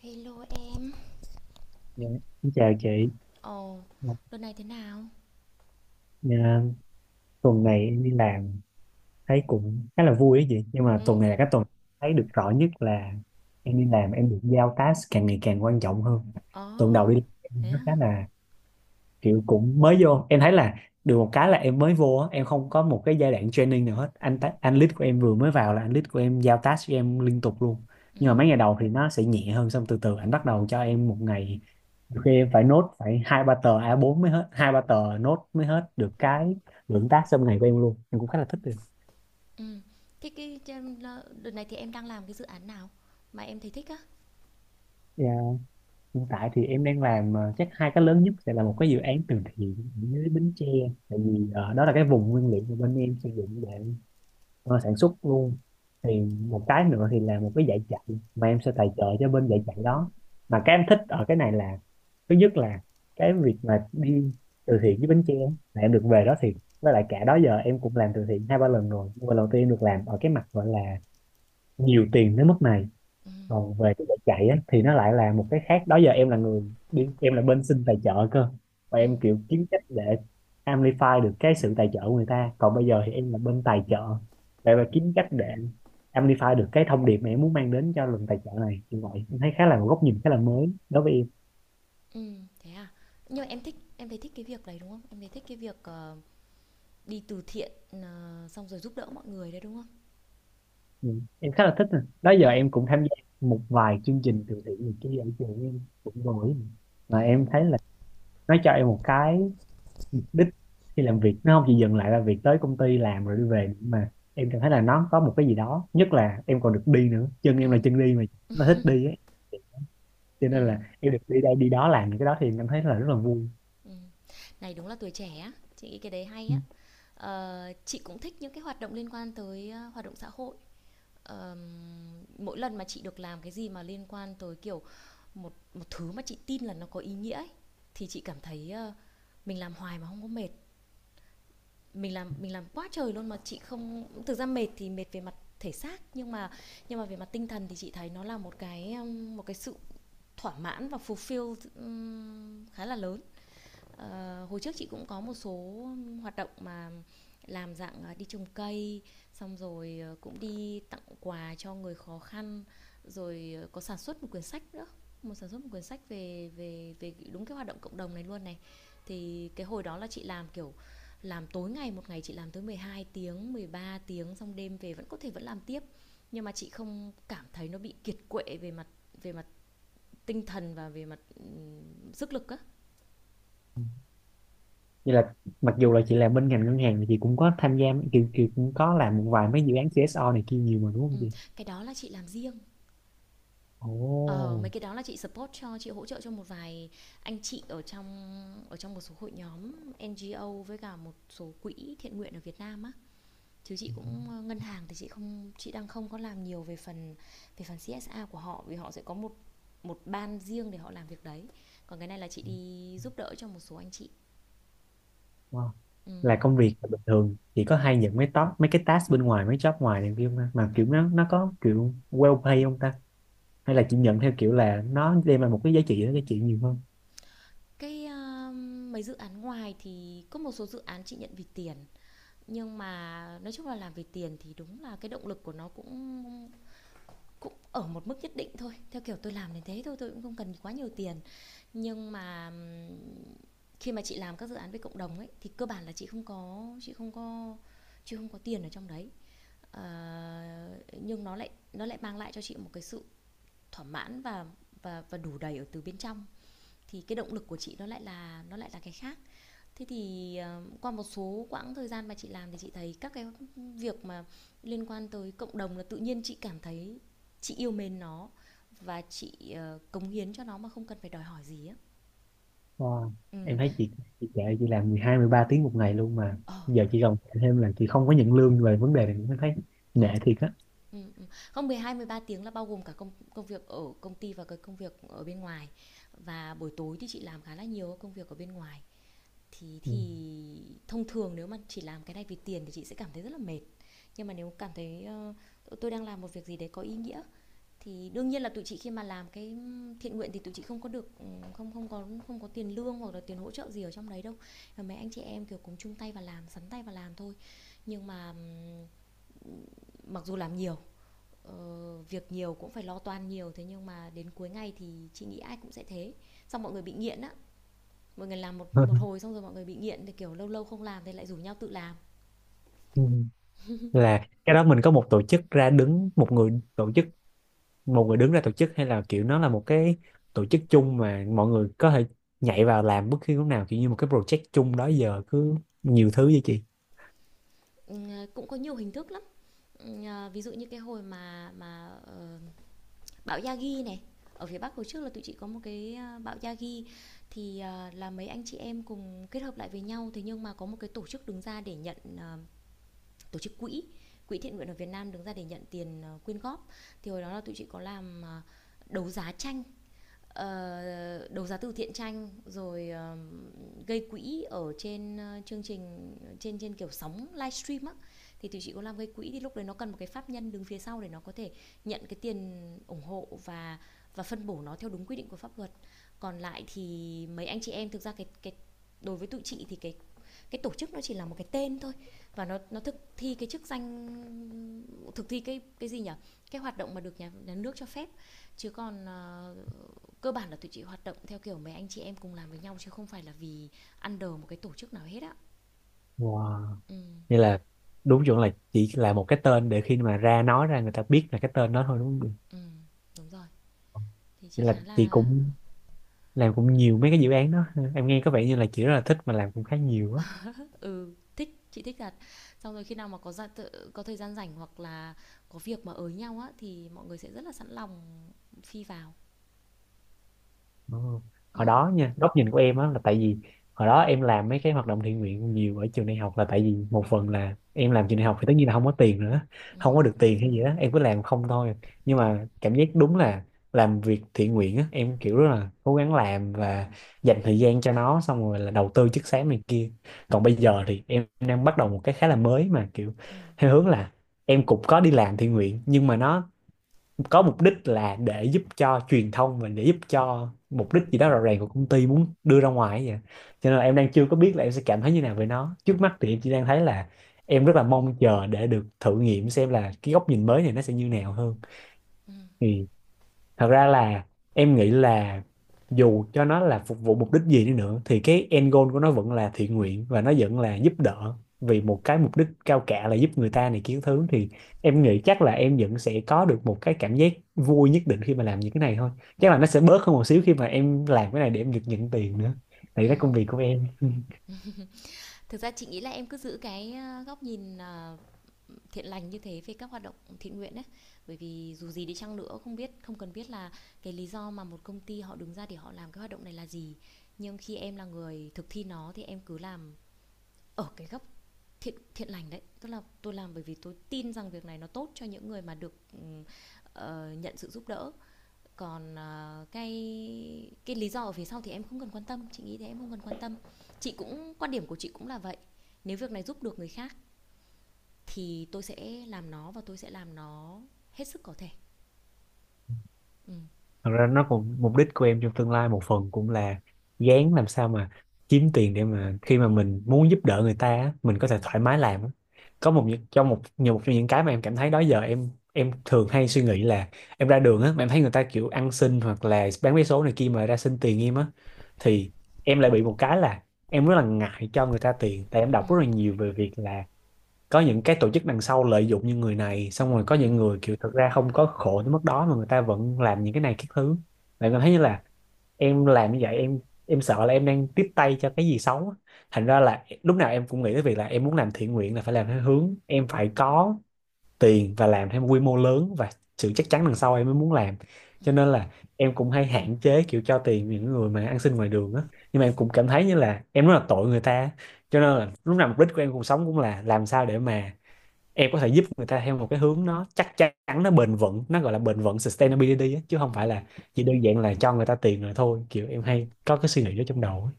Hello em. Dạ. Xin chào chị. Ồ, đợt này thế nào? Dạ, tuần này em đi làm thấy cũng khá là vui ấy chị, nhưng mà tuần Ừ. này là cái tuần thấy được rõ nhất là em đi làm em được giao task càng ngày càng quan trọng hơn. Tuần Ồ, đầu đi làm em thế nó khá hả? là kiểu, cũng mới vô em thấy là được một cái là em mới vô á, em không có một cái giai đoạn training nào hết. Anh lead của em vừa mới vào là anh lead của em giao task cho em liên tục luôn. Ừ, Nhưng mà mấy ngày đầu thì nó sẽ nhẹ hơn, xong từ từ anh bắt đầu cho em một ngày nhiều khi em phải nốt phải hai ba tờ A4 mới hết, hai ba tờ nốt mới hết được cái lượng tác trong ngày của em luôn. Em cũng khá là thích được. ừ. Cái, cái, trên, Đợt này thì em đang làm cái dự án nào mà em thấy thích á? Dạ, hiện tại thì em đang làm chắc hai cái lớn nhất sẽ là một cái dự án từ thiện với Bến Tre, tại vì đó là cái vùng nguyên liệu mà bên em sử dụng để sản xuất luôn. Thì một cái nữa thì là một cái dạy chạy mà em sẽ tài trợ cho bên dạy chạy đó. Mà cái em thích ở cái này là, thứ nhất là cái việc mà đi từ thiện với Bến Tre là em được về đó thì, với lại cả đó giờ em cũng làm từ thiện hai ba lần rồi nhưng mà lần đầu tiên em được làm ở cái mặt gọi là nhiều tiền đến mức này. Ừ, Còn về cái giải chạy á, thì nó lại là một cái khác. Đó giờ em là người đi, em là bên xin tài trợ cơ, và ừ, em kiểu kiếm cách để amplify được cái sự tài trợ của người ta, còn bây giờ thì em là bên tài trợ để mà kiếm cách để amplify được cái thông điệp mà em muốn mang đến cho lần tài trợ này kiểu vậy. Em thấy khá là một góc nhìn khá là mới đối với em. ừ, thế à? Nhưng mà em thấy thích cái việc đấy đúng không? Em thấy thích cái việc đi từ thiện xong rồi giúp đỡ mọi người đấy đúng không? Ừ, em khá là thích nè. Đó giờ Ừ, em cũng tham gia một vài chương trình từ thiện này kia ở trường em cũng rồi, ừ, mà em thấy là nó cho em một cái đích khi làm việc, nó không chỉ dừng lại là việc tới công ty làm rồi đi về, mà em cảm thấy là nó có một cái gì đó. Nhất là em còn được đi nữa, chân ừ, em là chân đi mà, nó thích đi ấy. Cho ừ, nên là em được đi đây đi đó làm những cái đó thì em cảm thấy là rất là vui. ừ. Này đúng là tuổi trẻ á, chị nghĩ cái đấy hay Ừ. á. Ờ, chị cũng thích những cái hoạt động liên quan tới hoạt động xã hội. Ờm, Mỗi lần mà chị được làm cái gì mà liên quan tới, kiểu, một một thứ mà chị tin là nó có ý nghĩa ấy, thì chị cảm thấy, mình làm hoài mà không có mệt. Mình làm quá trời luôn mà chị không thực ra mệt thì mệt về mặt thể xác, nhưng mà về mặt tinh thần thì chị thấy nó là một cái sự thỏa mãn và fulfill, khá là lớn. Ờ, hồi trước chị cũng có một số hoạt động mà làm dạng đi trồng cây, xong rồi cũng đi tặng quà cho người khó khăn, rồi có sản xuất một quyển sách nữa, một sản xuất một quyển sách về về về đúng cái hoạt động cộng đồng này luôn này. Thì cái hồi đó là chị làm kiểu làm tối ngày, một ngày chị làm tới 12 tiếng, 13 tiếng, xong đêm về vẫn có thể vẫn làm tiếp. Nhưng mà chị không cảm thấy nó bị kiệt quệ về mặt tinh thần và về mặt sức lực á. Vậy là mặc dù là chị làm bên ngành ngân hàng thì chị cũng có tham gia kiểu kiểu cũng có làm một vài mấy dự án CSO này kia nhiều mà đúng không Ừm, chị? cái đó là chị làm riêng. Ồ. Ờ, mấy cái đó là chị hỗ trợ cho một vài anh chị ở trong một số hội nhóm NGO với cả một số quỹ thiện nguyện ở Việt Nam á. Chứ chị cũng ngân hàng thì chị đang không có làm nhiều về phần CSA của họ, vì họ sẽ có một một ban riêng để họ làm việc đấy. Còn cái này là chị đi giúp đỡ cho một số anh chị. Wow. Là Ừm. công việc là bình thường chị có hay nhận mấy top mấy cái task bên ngoài mấy job ngoài này kia không ta? Mà kiểu nó có kiểu well pay không ta? Hay là chị nhận theo kiểu là nó đem lại một cái giá trị nó giá trị nhiều hơn? Cái ờ, Mấy dự án ngoài thì có một số dự án chị nhận vì tiền, nhưng mà nói chung là làm vì tiền thì đúng là cái động lực của nó cũng cũng ở một mức nhất định thôi, theo kiểu tôi làm đến thế thôi, tôi cũng không cần quá nhiều tiền. Nhưng mà khi mà chị làm các dự án với cộng đồng ấy thì cơ bản là chị không có chị không có chị không có tiền ở trong đấy. Ờ, nhưng nó lại mang lại cho chị một cái sự thỏa mãn và đủ đầy ở từ bên trong, thì cái động lực của chị nó lại là cái khác. Thế thì qua một số quãng thời gian mà chị làm thì chị thấy các cái việc mà liên quan tới cộng đồng là tự nhiên chị cảm thấy chị yêu mến nó và chị cống hiến cho nó mà không cần phải đòi hỏi gì á. Wow. Ừ. Em thấy chị kệ chị làm 12 13 tiếng một ngày luôn mà Ờ. giờ chị gồng thêm là chị không có nhận lương. Về vấn đề này em thấy Ừ. nể thiệt á. Ừ, ừ. Không, 12 13 tiếng là bao gồm cả công công việc ở công ty và cái công việc ở bên ngoài. Và buổi tối thì chị làm khá là nhiều công việc ở bên ngoài. Thì Ừ. thì thông thường nếu mà chỉ làm cái này vì tiền thì chị sẽ cảm thấy rất là mệt. Nhưng mà nếu cảm thấy tôi đang làm một việc gì đấy có ý nghĩa thì đương nhiên là tụi chị, khi mà làm cái thiện nguyện thì tụi chị không có được không không có không có tiền lương hoặc là tiền hỗ trợ gì ở trong đấy đâu, và mấy anh chị em kiểu cùng chung tay và làm sắn tay và làm thôi. Nhưng mà mặc dù làm nhiều việc nhiều cũng phải lo toan nhiều, thế nhưng mà đến cuối ngày thì chị nghĩ ai cũng sẽ thế, xong mọi người bị nghiện á, mọi người làm một một hồi xong rồi mọi người bị nghiện thì kiểu lâu lâu không làm thì lại rủ nhau tự làm. Ừ. Là cái đó mình có một tổ chức ra đứng, một người tổ chức, một người đứng ra tổ chức, hay là kiểu nó là một cái tổ chức chung mà mọi người có thể nhảy vào làm bất cứ lúc nào, kiểu như một cái project chung đó giờ cứ nhiều thứ vậy chị? Ừ, cũng có nhiều hình thức lắm. Ừ, ví dụ như cái hồi bão Yagi này ở phía Bắc, hồi trước là tụi chị có một cái, bão Yagi, thì là mấy anh chị em cùng kết hợp lại với nhau, thế nhưng mà có một cái tổ chức đứng ra để nhận, tổ chức quỹ quỹ thiện nguyện ở Việt Nam đứng ra để nhận tiền, quyên góp. Thì hồi đó là tụi chị có làm, đấu giá tranh, đấu giá từ thiện tranh, rồi gây quỹ ở trên chương trình trên trên kiểu sóng livestream á. Thì tụi chị có làm gây quỹ, thì lúc đấy nó cần một cái pháp nhân đứng phía sau để nó có thể nhận cái tiền ủng hộ và phân bổ nó theo đúng quy định của pháp luật. Còn lại thì mấy anh chị em thực ra cái đối với tụi chị thì cái tổ chức nó chỉ là một cái tên thôi, và nó thực thi cái chức danh, thực thi cái gì nhỉ, cái hoạt động mà được nhà nước cho phép, chứ còn cơ bản là tụi chị hoạt động theo kiểu mấy anh chị em cùng làm với nhau chứ không phải là vì ăn đờ một cái tổ chức nào hết á. Wow. Ừ, Như là đúng chuẩn là chỉ là một cái tên để khi mà ra nói ra người ta biết là cái tên đó thôi, đúng không? ừ, đúng rồi. Thì chị Nên khá là chị là, cũng làm cũng nhiều mấy cái dự án đó. Em nghe có vẻ như là chị rất là thích mà làm cũng khá nhiều á. ừ, thích, chị thích thật. Xong rồi khi nào mà có có thời gian rảnh hoặc là có việc mà ới nhau á thì mọi người sẽ rất là sẵn lòng phi vào. Ờ, Ừ, hồi đó nha, góc nhìn của em á là tại vì hồi đó em làm mấy cái hoạt động thiện nguyện nhiều ở trường đại học là tại vì một phần là em làm trường đại học thì tất nhiên là không có tiền nữa, ừ, không có được tiền hay gì đó, em cứ làm không thôi. Nhưng mà cảm giác đúng là làm việc thiện nguyện á, em kiểu rất là cố gắng làm và dành thời gian cho nó, xong rồi là đầu tư chất xám này kia. Còn bây giờ thì em đang bắt đầu một cái khá là mới mà kiểu ừ, theo hướng là em cũng có đi làm thiện nguyện nhưng mà nó có mục đích là để giúp cho truyền thông và để giúp cho mục đích gì đó rõ ràng của công ty muốn đưa ra ngoài vậy. Cho nên là em đang chưa có biết là em sẽ cảm thấy như nào về nó. Trước mắt thì em chỉ đang thấy là em rất là mong chờ để được thử nghiệm xem là cái góc nhìn mới này nó sẽ như nào hơn. ừ, Thì thật ra là em nghĩ là dù cho nó là phục vụ mục đích gì đi nữa thì cái end goal của nó vẫn là thiện nguyện và nó vẫn là giúp đỡ vì một cái mục đích cao cả là giúp người ta này kiến thứ. Thì em nghĩ chắc là em vẫn sẽ có được một cái cảm giác vui nhất định khi mà làm những cái này thôi. Chắc là nó sẽ bớt hơn một xíu khi mà em làm cái này để em được nhận tiền nữa, tại vì ừ. đó công việc của em. Thực ra chị nghĩ là em cứ giữ cái góc nhìn thiện lành như thế về các hoạt động thiện nguyện ấy, bởi vì dù gì đi chăng nữa, không biết, không cần biết là cái lý do mà một công ty họ đứng ra để họ làm cái hoạt động này là gì, nhưng khi em là người thực thi nó thì em cứ làm ở cái góc thiện thiện lành đấy, tức là tôi làm bởi vì tôi tin rằng việc này nó tốt cho những người mà được nhận sự giúp đỡ. Còn cái lý do ở phía sau thì em không cần quan tâm, chị nghĩ thế, em không cần quan tâm. Chị cũng, quan điểm của chị cũng là vậy, nếu việc này giúp được người khác thì tôi sẽ làm nó và tôi sẽ làm nó hết sức có thể. Ừ. Thật ra nó cũng mục đích của em trong tương lai một phần cũng là gán làm sao mà kiếm tiền để mà khi mà mình muốn giúp đỡ người ta á, mình có Ừ. thể thoải mái làm á. Có một những- trong một nhiều một trong những cái mà em cảm thấy đó giờ em thường hay suy nghĩ là em ra đường á mà em thấy người ta kiểu ăn xin hoặc là bán vé số này kia mà ra xin tiền em á, thì em lại bị một cái là em rất là ngại cho người ta tiền, tại em Ừ. đọc rất là nhiều về việc là có những cái tổ chức đằng sau lợi dụng như người này, xong rồi Ừ. có những người kiểu thật ra không có khổ tới mức đó mà người ta vẫn làm những cái này cái thứ. Bạn cảm thấy như là em làm như vậy em sợ là em đang tiếp tay cho cái gì xấu á. Thành ra là lúc nào em cũng nghĩ tới việc là em muốn làm thiện nguyện là phải làm theo hướng em phải có tiền và làm theo quy mô lớn và sự chắc chắn đằng sau em mới muốn làm. Ừ. Cho nên là em cũng hay hạn chế kiểu cho tiền những người mà ăn xin ngoài đường á, nhưng mà em cũng cảm thấy như là em rất là tội người ta. Cho nên là lúc nào mục đích của em cuộc sống cũng là làm sao để mà em có thể giúp người ta theo một cái hướng nó chắc chắn, nó bền vững, nó gọi là bền vững sustainability á, chứ không Ừ. phải là chỉ đơn giản là cho người ta tiền rồi thôi. Kiểu em hay có cái suy nghĩ đó trong đầu á.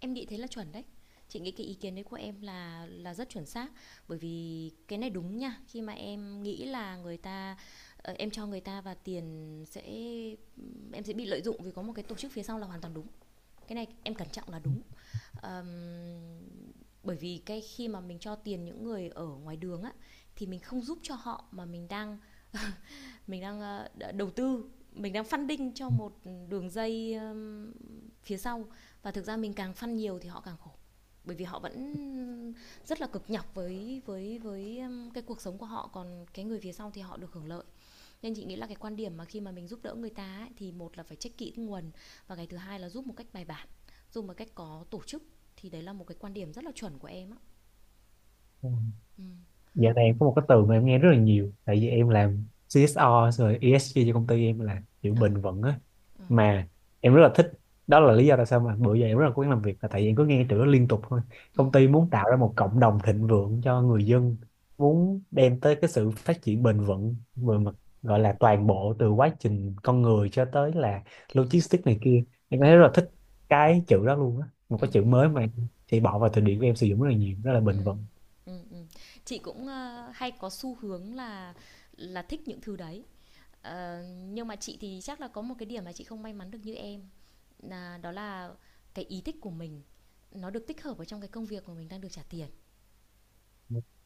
Em nghĩ thế là chuẩn đấy, chị nghĩ cái ý kiến đấy của em là rất chuẩn xác, bởi vì cái này đúng nha. Khi mà em nghĩ là người ta, em cho người ta và tiền sẽ, em sẽ bị lợi dụng vì có một cái tổ chức phía sau là hoàn toàn đúng. Cái này em cẩn trọng là đúng. Ờm, Bởi vì cái khi mà mình cho tiền những người ở ngoài đường á, thì mình không giúp cho họ mà mình đang, mình đang ờ, đầu tư, mình đang funding cho một đường dây phía sau, và thực ra mình càng fund nhiều thì họ càng khổ, bởi vì họ vẫn rất là cực nhọc với với cái cuộc sống của họ, còn cái người phía sau thì họ được hưởng lợi. Nên chị nghĩ là cái quan điểm mà khi mà mình giúp đỡ người ta ấy, thì một là phải check kỹ nguồn, và cái thứ hai là giúp một cách bài bản, giúp một cách có tổ chức, thì đấy là một cái quan điểm rất là chuẩn của em á. Ừ. Ừ. Dạo này có một cái từ mà em nghe rất là nhiều tại vì em làm CSR rồi ESG cho công ty em, là kiểu Ờ, bền vững á, ừ. mà em rất là thích. Đó là lý do tại sao mà bữa giờ em rất là cố gắng làm việc là tại vì em cứ nghe từ đó liên tục thôi. Công ty muốn tạo ra một cộng đồng thịnh vượng cho người dân, muốn đem tới cái sự phát triển bền vững về mặt gọi là toàn bộ từ quá trình con người cho tới là logistics này kia. Em Ừ. thấy rất là thích cái chữ đó luôn á, một Ừ. Ừ. cái chữ mới mà chị bỏ vào từ điển của em sử dụng rất là nhiều, rất là bền Ừm, vững. Ừm. Chị cũng, hay có xu hướng là thích những thứ đấy. Ờ, nhưng mà chị thì chắc là có một cái điểm mà chị không may mắn được như em, nà đó là cái ý thích của mình nó được tích hợp vào trong cái công việc mà mình đang được trả tiền.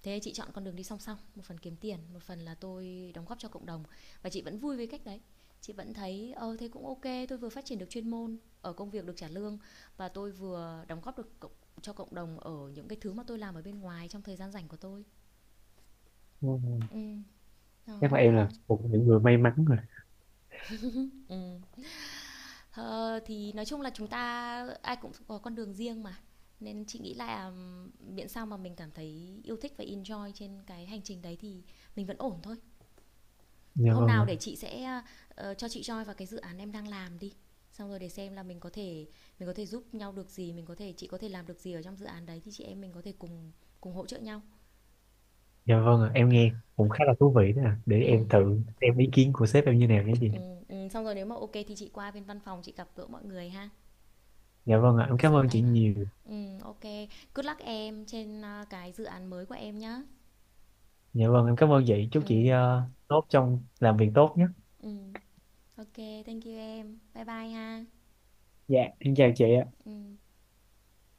Thế chị chọn con đường đi song song, một phần kiếm tiền, một phần là tôi đóng góp cho cộng đồng, và chị vẫn vui với cách đấy. Chị vẫn thấy, thế cũng ok, tôi vừa phát triển được chuyên môn ở công việc được trả lương và tôi vừa đóng góp được cho cộng đồng ở những cái thứ mà tôi làm ở bên ngoài trong thời gian rảnh của tôi. Ừ. Ừm, đó, Chắc là nên em là. là một trong những người may mắn rồi. Ừm. Ờ, thì nói chung là chúng ta ai cũng có con đường riêng mà, nên chị nghĩ là miễn sao mà mình cảm thấy yêu thích và enjoy trên cái hành trình đấy thì mình vẫn ổn thôi. Dạ Hôm vâng nào ạ. để chị sẽ, cho chị join vào cái dự án em đang làm đi, xong rồi để xem là mình có thể giúp nhau được gì, mình có thể chị có thể làm được gì ở trong dự án đấy thì chị em mình có thể cùng cùng hỗ trợ nhau. Dạ vâng ạ, em Ờ, nghe cũng khá là thú vị đó ạ. Để em ừm, thử xem ý kiến của sếp em như nào nhé chị. Xong rồi nếu mà ok thì chị qua bên văn phòng chị gặp gỡ mọi người ha. Dạ vâng ạ, em Ờ, cảm sắn ơn tay chị vào ạ. nhiều. OK. Good luck em cái dự án mới của em nhá. Dạ vâng, em cảm ơn chị, chúc chị Ừm, tốt trong làm việc tốt nhé. ừm. OK, thank you em. Bye bye ha. Dạ em chào chị ạ. Ừm.